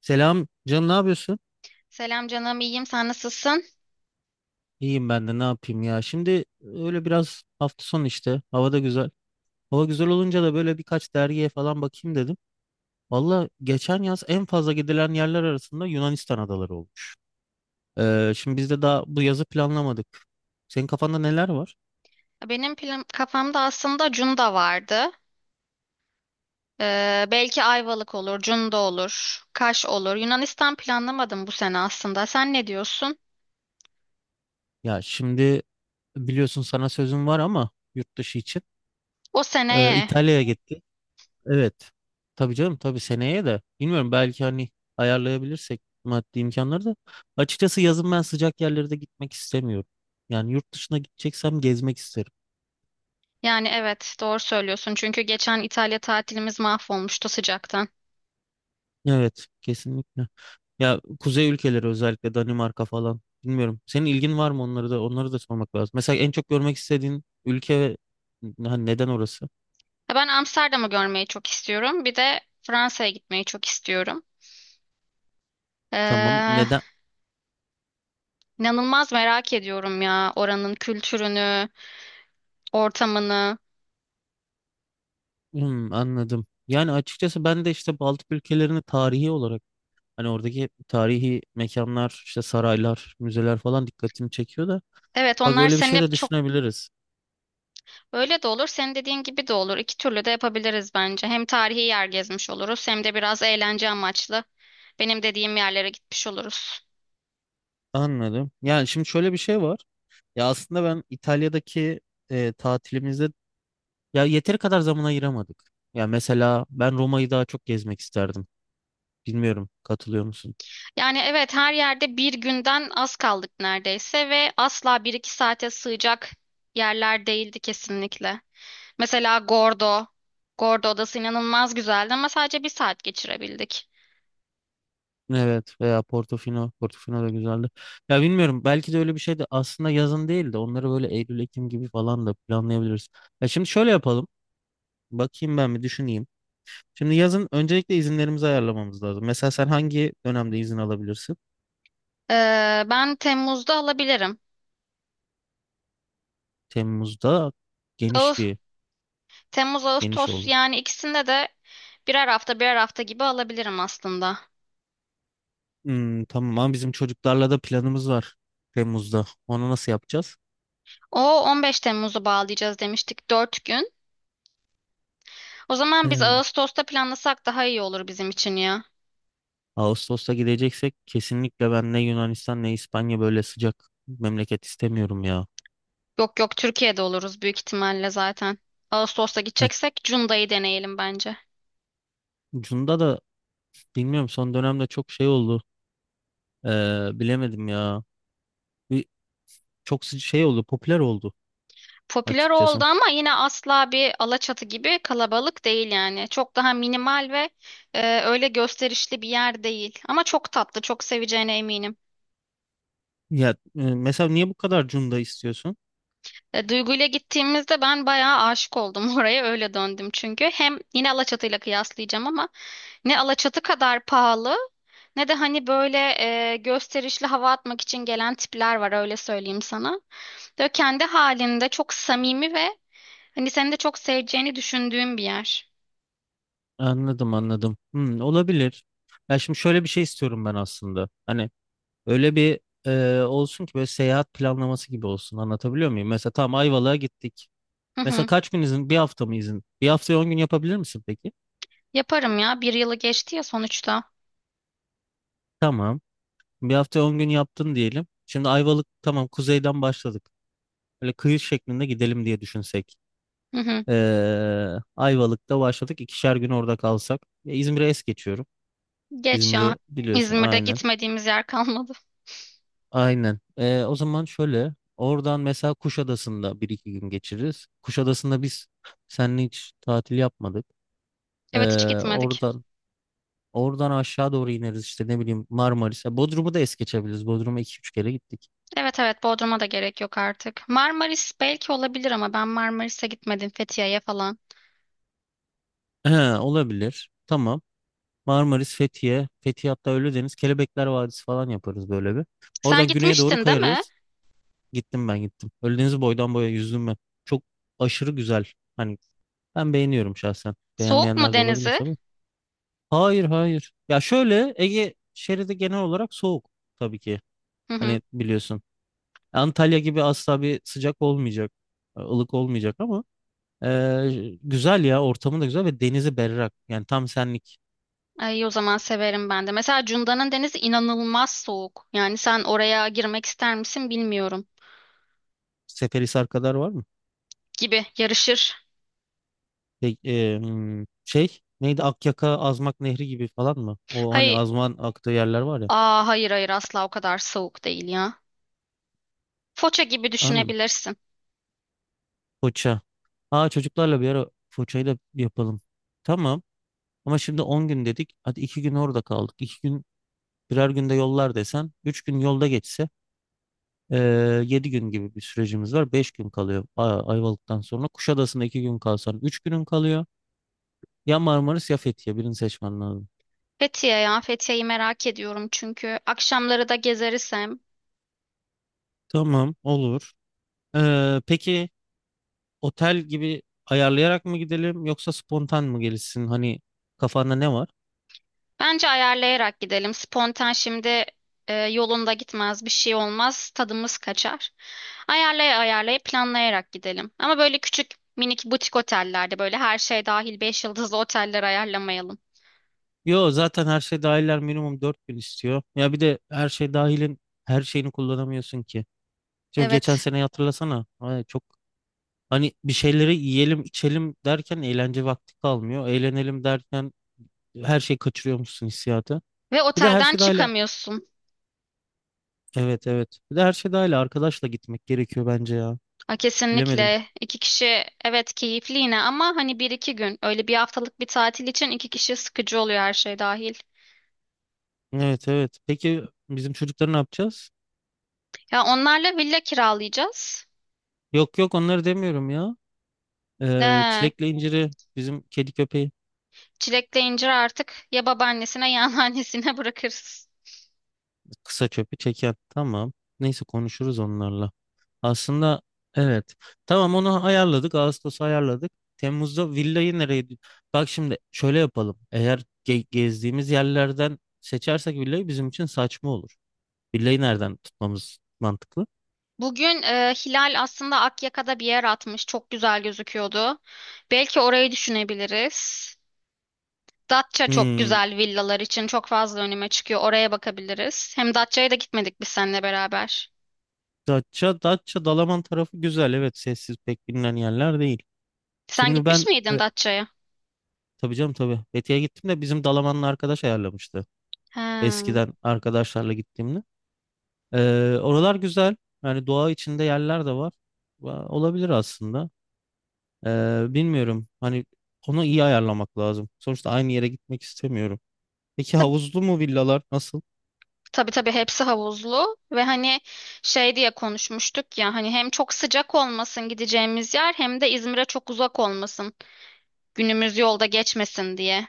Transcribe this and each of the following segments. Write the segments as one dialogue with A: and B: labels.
A: Selam canım, ne yapıyorsun?
B: Selam canım, iyiyim. Sen nasılsın?
A: İyiyim, ben de ne yapayım ya. Şimdi öyle biraz hafta sonu işte. Hava da güzel. Hava güzel olunca da böyle birkaç dergiye falan bakayım dedim. Valla geçen yaz en fazla gidilen yerler arasında Yunanistan adaları olmuş. Şimdi biz de daha bu yazı planlamadık. Senin kafanda neler var?
B: Benim plan kafamda aslında Cunda vardı. Belki Ayvalık olur, Cunda olur, Kaş olur. Yunanistan planlamadım bu sene aslında. Sen ne diyorsun?
A: Ya şimdi biliyorsun sana sözüm var ama yurt dışı için.
B: O seneye.
A: İtalya'ya gittik. Evet. Tabii canım tabii seneye de bilmiyorum belki hani ayarlayabilirsek maddi imkanları da. Açıkçası yazın ben sıcak yerlere de gitmek istemiyorum. Yani yurt dışına gideceksem gezmek isterim.
B: Yani evet, doğru söylüyorsun. Çünkü geçen İtalya tatilimiz mahvolmuştu sıcaktan.
A: Evet, kesinlikle. Ya kuzey ülkeleri özellikle Danimarka falan bilmiyorum. Senin ilgin var mı onları da onları da sormak lazım. Mesela en çok görmek istediğin ülke ve hani neden orası?
B: Ya ben Amsterdam'ı görmeyi çok istiyorum. Bir de Fransa'ya gitmeyi çok istiyorum.
A: Tamam,
B: Ee,
A: neden?
B: inanılmaz merak ediyorum ya oranın kültürünü, ortamını.
A: Hmm, anladım. Yani açıkçası ben de işte Baltık ülkelerini tarihi olarak hani oradaki tarihi mekanlar, işte saraylar, müzeler falan dikkatimi çekiyor da.
B: Evet,
A: Bak
B: onlar
A: öyle bir
B: senin
A: şey de
B: hep çok.
A: düşünebiliriz.
B: Öyle de olur, senin dediğin gibi de olur. İki türlü de yapabiliriz bence. Hem tarihi yer gezmiş oluruz, hem de biraz eğlence amaçlı benim dediğim yerlere gitmiş oluruz.
A: Anladım. Yani şimdi şöyle bir şey var. Ya aslında ben İtalya'daki tatilimizde ya yeteri kadar zaman ayıramadık. Ya mesela ben Roma'yı daha çok gezmek isterdim. Bilmiyorum, katılıyor musun?
B: Yani evet, her yerde bir günden az kaldık neredeyse ve asla bir iki saate sığacak yerler değildi kesinlikle. Mesela Gordo. Gordo Adası inanılmaz güzeldi ama sadece bir saat geçirebildik.
A: Evet, veya Portofino. Portofino da güzeldi. Ya bilmiyorum belki de öyle bir şey de aslında yazın değil de onları böyle Eylül-Ekim gibi falan da planlayabiliriz. Ya şimdi şöyle yapalım. Bakayım ben bir düşüneyim. Şimdi yazın öncelikle izinlerimizi ayarlamamız lazım. Mesela sen hangi dönemde izin alabilirsin?
B: Ben Temmuz'da alabilirim.
A: Temmuz'da geniş
B: Ağustos,
A: bir
B: Temmuz,
A: geniş
B: Ağustos
A: oldu.
B: yani ikisinde de birer hafta birer hafta gibi alabilirim aslında.
A: Hmm, tamam ama bizim çocuklarla da planımız var Temmuz'da. Onu nasıl yapacağız?
B: O 15 Temmuz'u bağlayacağız demiştik 4 gün. O zaman biz
A: Ee,
B: Ağustos'ta planlasak daha iyi olur bizim için ya.
A: Ağustos'ta gideceksek kesinlikle ben ne Yunanistan ne İspanya böyle sıcak memleket istemiyorum ya.
B: Yok yok, Türkiye'de oluruz büyük ihtimalle zaten. Ağustos'ta
A: Ha,
B: gideceksek Cunda'yı deneyelim bence.
A: Cunda da bilmiyorum son dönemde çok şey oldu. Bilemedim ya. Bir, çok şey oldu, popüler oldu
B: Popüler oldu
A: açıkçası.
B: ama yine asla bir Alaçatı gibi kalabalık değil yani. Çok daha minimal ve öyle gösterişli bir yer değil. Ama çok tatlı, çok seveceğine eminim.
A: Ya mesela niye bu kadar Cunda istiyorsun?
B: Duygu'yla gittiğimizde ben bayağı aşık oldum oraya öyle döndüm çünkü. Hem yine Alaçatı'yla kıyaslayacağım ama ne Alaçatı kadar pahalı ne de hani böyle gösterişli hava atmak için gelen tipler var, öyle söyleyeyim sana. Böyle kendi halinde çok samimi ve hani seni de çok seveceğini düşündüğüm bir yer.
A: Anladım anladım. Hmm, olabilir. Ya şimdi şöyle bir şey istiyorum ben aslında. Hani öyle bir olsun ki böyle seyahat planlaması gibi olsun. Anlatabiliyor muyum? Mesela tamam Ayvalık'a gittik.
B: Hı
A: Mesela
B: hı.
A: kaç gün izin? Bir hafta mı izin? Bir haftaya 10 gün yapabilir misin peki?
B: Yaparım ya, bir yılı geçti ya sonuçta.
A: Tamam. Bir hafta 10 gün yaptın diyelim. Şimdi Ayvalık tamam kuzeyden başladık. Böyle kıyı şeklinde gidelim diye düşünsek.
B: Hı hı.
A: Ayvalık'ta başladık. İkişer gün orada kalsak. Ya İzmir'e es geçiyorum.
B: Geç ya.
A: İzmir'i biliyorsun
B: İzmir'de
A: aynen.
B: gitmediğimiz yer kalmadı.
A: Aynen. O zaman şöyle oradan mesela Kuşadası'nda bir iki gün geçiririz. Kuşadası'nda biz seninle hiç tatil yapmadık. Ee,
B: Evet, hiç gitmedik.
A: oradan oradan aşağı doğru ineriz işte ne bileyim Marmaris'e. Bodrum'u da es geçebiliriz. Bodrum'a iki üç kere gittik.
B: Evet evet, Bodrum'a da gerek yok artık. Marmaris belki olabilir ama ben Marmaris'e gitmedim, Fethiye'ye falan.
A: Olabilir. Tamam. Marmaris, Fethiye, Fethiye hatta Ölüdeniz, Kelebekler Vadisi falan yaparız böyle bir.
B: Sen
A: Oradan güneye doğru
B: gitmiştin değil mi?
A: kayarız. Gittim ben gittim. Ölüdeniz'i boydan boya yüzdüm ben. Çok aşırı güzel. Hani ben beğeniyorum şahsen.
B: Soğuk mu
A: Beğenmeyenler de olabilir
B: denizi?
A: tabii. Hayır, hayır. Ya şöyle Ege şeridi genel olarak soğuk tabii ki.
B: Hı hı.
A: Hani biliyorsun. Antalya gibi asla bir sıcak olmayacak. Ilık olmayacak ama güzel ya, ortamı da güzel ve denizi berrak. Yani tam senlik.
B: Ay, iyi o zaman, severim ben de. Mesela Cunda'nın denizi inanılmaz soğuk. Yani sen oraya girmek ister misin bilmiyorum.
A: Seferihisar kadar var mı?
B: Gibi yarışır.
A: Hmm, şey neydi, Akyaka Azmak Nehri gibi falan mı? O hani
B: Hayır,
A: Azman aktığı yerler var ya.
B: hayır hayır, asla o kadar soğuk değil ya. Foça gibi
A: An
B: düşünebilirsin.
A: Foça. Aa, çocuklarla bir ara Foça'yı da yapalım. Tamam. Ama şimdi 10 gün dedik. Hadi 2 gün orada kaldık. İki gün Birer günde yollar desem 3 gün yolda geçse 7 gün gibi bir sürecimiz var. 5 gün kalıyor Ayvalık'tan sonra. Kuşadası'nda 2 gün kalsan 3 günün kalıyor. Ya Marmaris ya Fethiye birini seçmen lazım.
B: Fethiye, ya Fethiye'yi merak ediyorum çünkü akşamları da gezeriz hem.
A: Tamam, olur. Peki otel gibi ayarlayarak mı gidelim yoksa spontan mı gelişsin? Hani kafanda ne var?
B: Bence ayarlayarak gidelim. Spontan şimdi yolunda gitmez, bir şey olmaz, tadımız kaçar. Ayarlaya ayarlaya, planlayarak gidelim. Ama böyle küçük minik butik otellerde, böyle her şey dahil 5 yıldızlı oteller ayarlamayalım.
A: Yo, zaten her şey dahiller minimum 4 gün istiyor. Ya bir de her şey dahilin her şeyini kullanamıyorsun ki. Şimdi geçen
B: Evet.
A: sene hatırlasana. Ay, çok. Hani bir şeyleri yiyelim, içelim derken eğlence vakti kalmıyor. Eğlenelim derken her şeyi kaçırıyormuşsun hissiyatı.
B: Ve
A: Bir de her
B: otelden
A: şey dahil,
B: çıkamıyorsun.
A: evet, evet. Bir de her şey dahil arkadaşla gitmek gerekiyor bence ya.
B: A,
A: Bilemedim.
B: kesinlikle iki kişi evet keyifli yine ama hani bir iki gün, öyle bir haftalık bir tatil için iki kişi sıkıcı oluyor her şey dahil.
A: Evet, evet. Peki bizim çocukları ne yapacağız?
B: Ya onlarla villa kiralayacağız.
A: Yok, yok, onları demiyorum ya.
B: Ee,
A: Çilekle inciri bizim kedi köpeği
B: Çilekle incir artık ya babaannesine ya anneannesine bırakırız.
A: kısa çöpü çeken. Tamam. Neyse konuşuruz onlarla. Aslında evet. Tamam, onu ayarladık. Ağustos'u ayarladık. Temmuz'da villayı nereye? Bak şimdi şöyle yapalım. Eğer gezdiğimiz yerlerden seçersek villayı bizim için saçma olur. Villayı nereden tutmamız mantıklı?
B: Bugün Hilal aslında Akyaka'da bir yer atmış. Çok güzel gözüküyordu. Belki orayı düşünebiliriz. Datça çok
A: Hmm,
B: güzel, villalar için çok fazla önüme çıkıyor. Oraya bakabiliriz. Hem Datça'ya da gitmedik biz seninle beraber.
A: Datça, Datça, Dalaman tarafı güzel. Evet, sessiz pek bilinen yerler değil.
B: Sen
A: Şimdi
B: gitmiş
A: ben
B: miydin Datça'ya?
A: tabii canım tabii. Fethiye'ye gittim de bizim Dalaman'la arkadaş ayarlamıştı.
B: He.
A: Eskiden arkadaşlarla gittiğimde. Oralar güzel. Yani doğa içinde yerler de var. Olabilir aslında. Bilmiyorum. Hani onu iyi ayarlamak lazım. Sonuçta aynı yere gitmek istemiyorum. Peki
B: Tab-
A: havuzlu mu, villalar nasıl?
B: Tabii tabii, hepsi havuzlu ve hani şey diye konuşmuştuk ya, hani hem çok sıcak olmasın gideceğimiz yer, hem de İzmir'e çok uzak olmasın. Günümüz yolda geçmesin diye.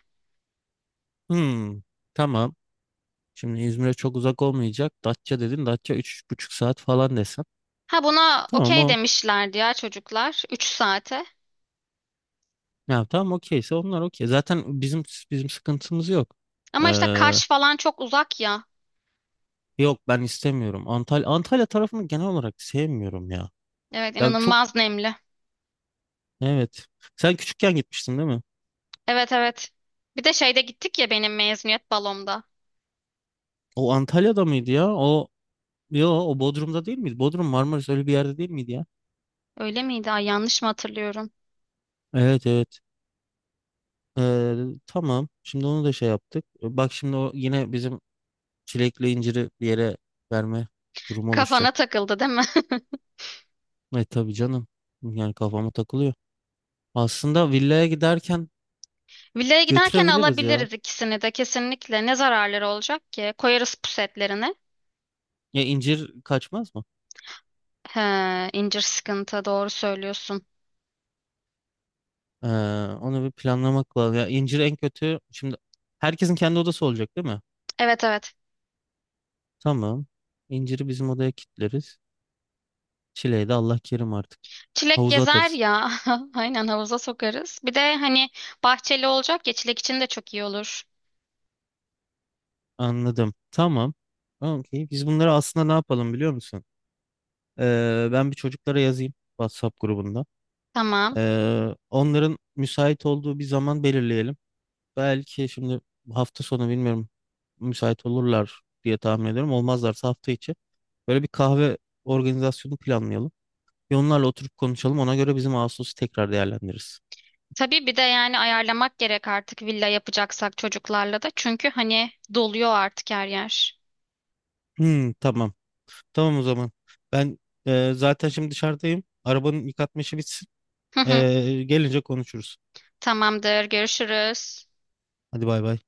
A: Hmm, tamam. Şimdi İzmir'e çok uzak olmayacak. Datça dedin. Datça 3,5 saat falan desem.
B: Ha, buna
A: Tamam,
B: okey
A: o.
B: demişlerdi ya çocuklar. 3 saate.
A: Ya tamam, okeyse onlar okey. Zaten bizim sıkıntımız yok.
B: Ama işte
A: Ee,
B: Kaş falan çok uzak ya.
A: Yok, ben istemiyorum. Antalya, Antalya tarafını genel olarak sevmiyorum ya.
B: Evet,
A: Ya çok.
B: inanılmaz nemli.
A: Evet. Sen küçükken gitmiştin değil mi?
B: Evet evet. Bir de şeyde gittik ya, benim mezuniyet balomda.
A: O Antalya'da mıydı ya? O, yo, o Bodrum'da değil miydi? Bodrum Marmaris öyle bir yerde değil miydi ya?
B: Öyle miydi? Ay, yanlış mı hatırlıyorum?
A: Evet, evet. Ee, tamam. Şimdi onu da şey yaptık. Bak şimdi o yine bizim çilekli inciri bir yere verme durumu
B: Kafana
A: oluşacak.
B: takıldı değil mi?
A: E, tabii canım. Yani kafama takılıyor. Aslında villaya giderken
B: Villaya giderken
A: götürebiliriz ya.
B: alabiliriz ikisini de kesinlikle. Ne zararları olacak ki? Koyarız pusetlerini.
A: Ya incir kaçmaz mı?
B: He, incir sıkıntı, doğru söylüyorsun.
A: Ee, Onu bir planlamak lazım. Ya incir en kötü, şimdi herkesin kendi odası olacak değil mi?
B: Evet evet.
A: Tamam. İnciri bizim odaya kilitleriz. Çileği de Allah kerim artık.
B: Çilek
A: Havuza
B: gezer
A: atarız.
B: ya. Aynen, havuza sokarız. Bir de hani bahçeli olacak ya, çilek için de çok iyi olur.
A: Anladım. Tamam. Okey. Biz bunları aslında ne yapalım biliyor musun? Ben bir çocuklara yazayım WhatsApp grubunda.
B: Tamam.
A: Onların müsait olduğu bir zaman belirleyelim. Belki şimdi hafta sonu bilmiyorum, müsait olurlar diye tahmin ediyorum. Olmazlarsa hafta içi böyle bir kahve organizasyonu planlayalım. Ve onlarla oturup konuşalım. Ona göre bizim Ağustos'u tekrar değerlendiririz.
B: Tabii bir de yani ayarlamak gerek artık, villa yapacaksak çocuklarla da. Çünkü hani doluyor artık her yer.
A: Hmm, tamam. Tamam, o zaman. Ben zaten şimdi dışarıdayım. Arabanın yıkatma işi bitsin. E, gelince konuşuruz.
B: Tamamdır. Görüşürüz.
A: Hadi bay bay.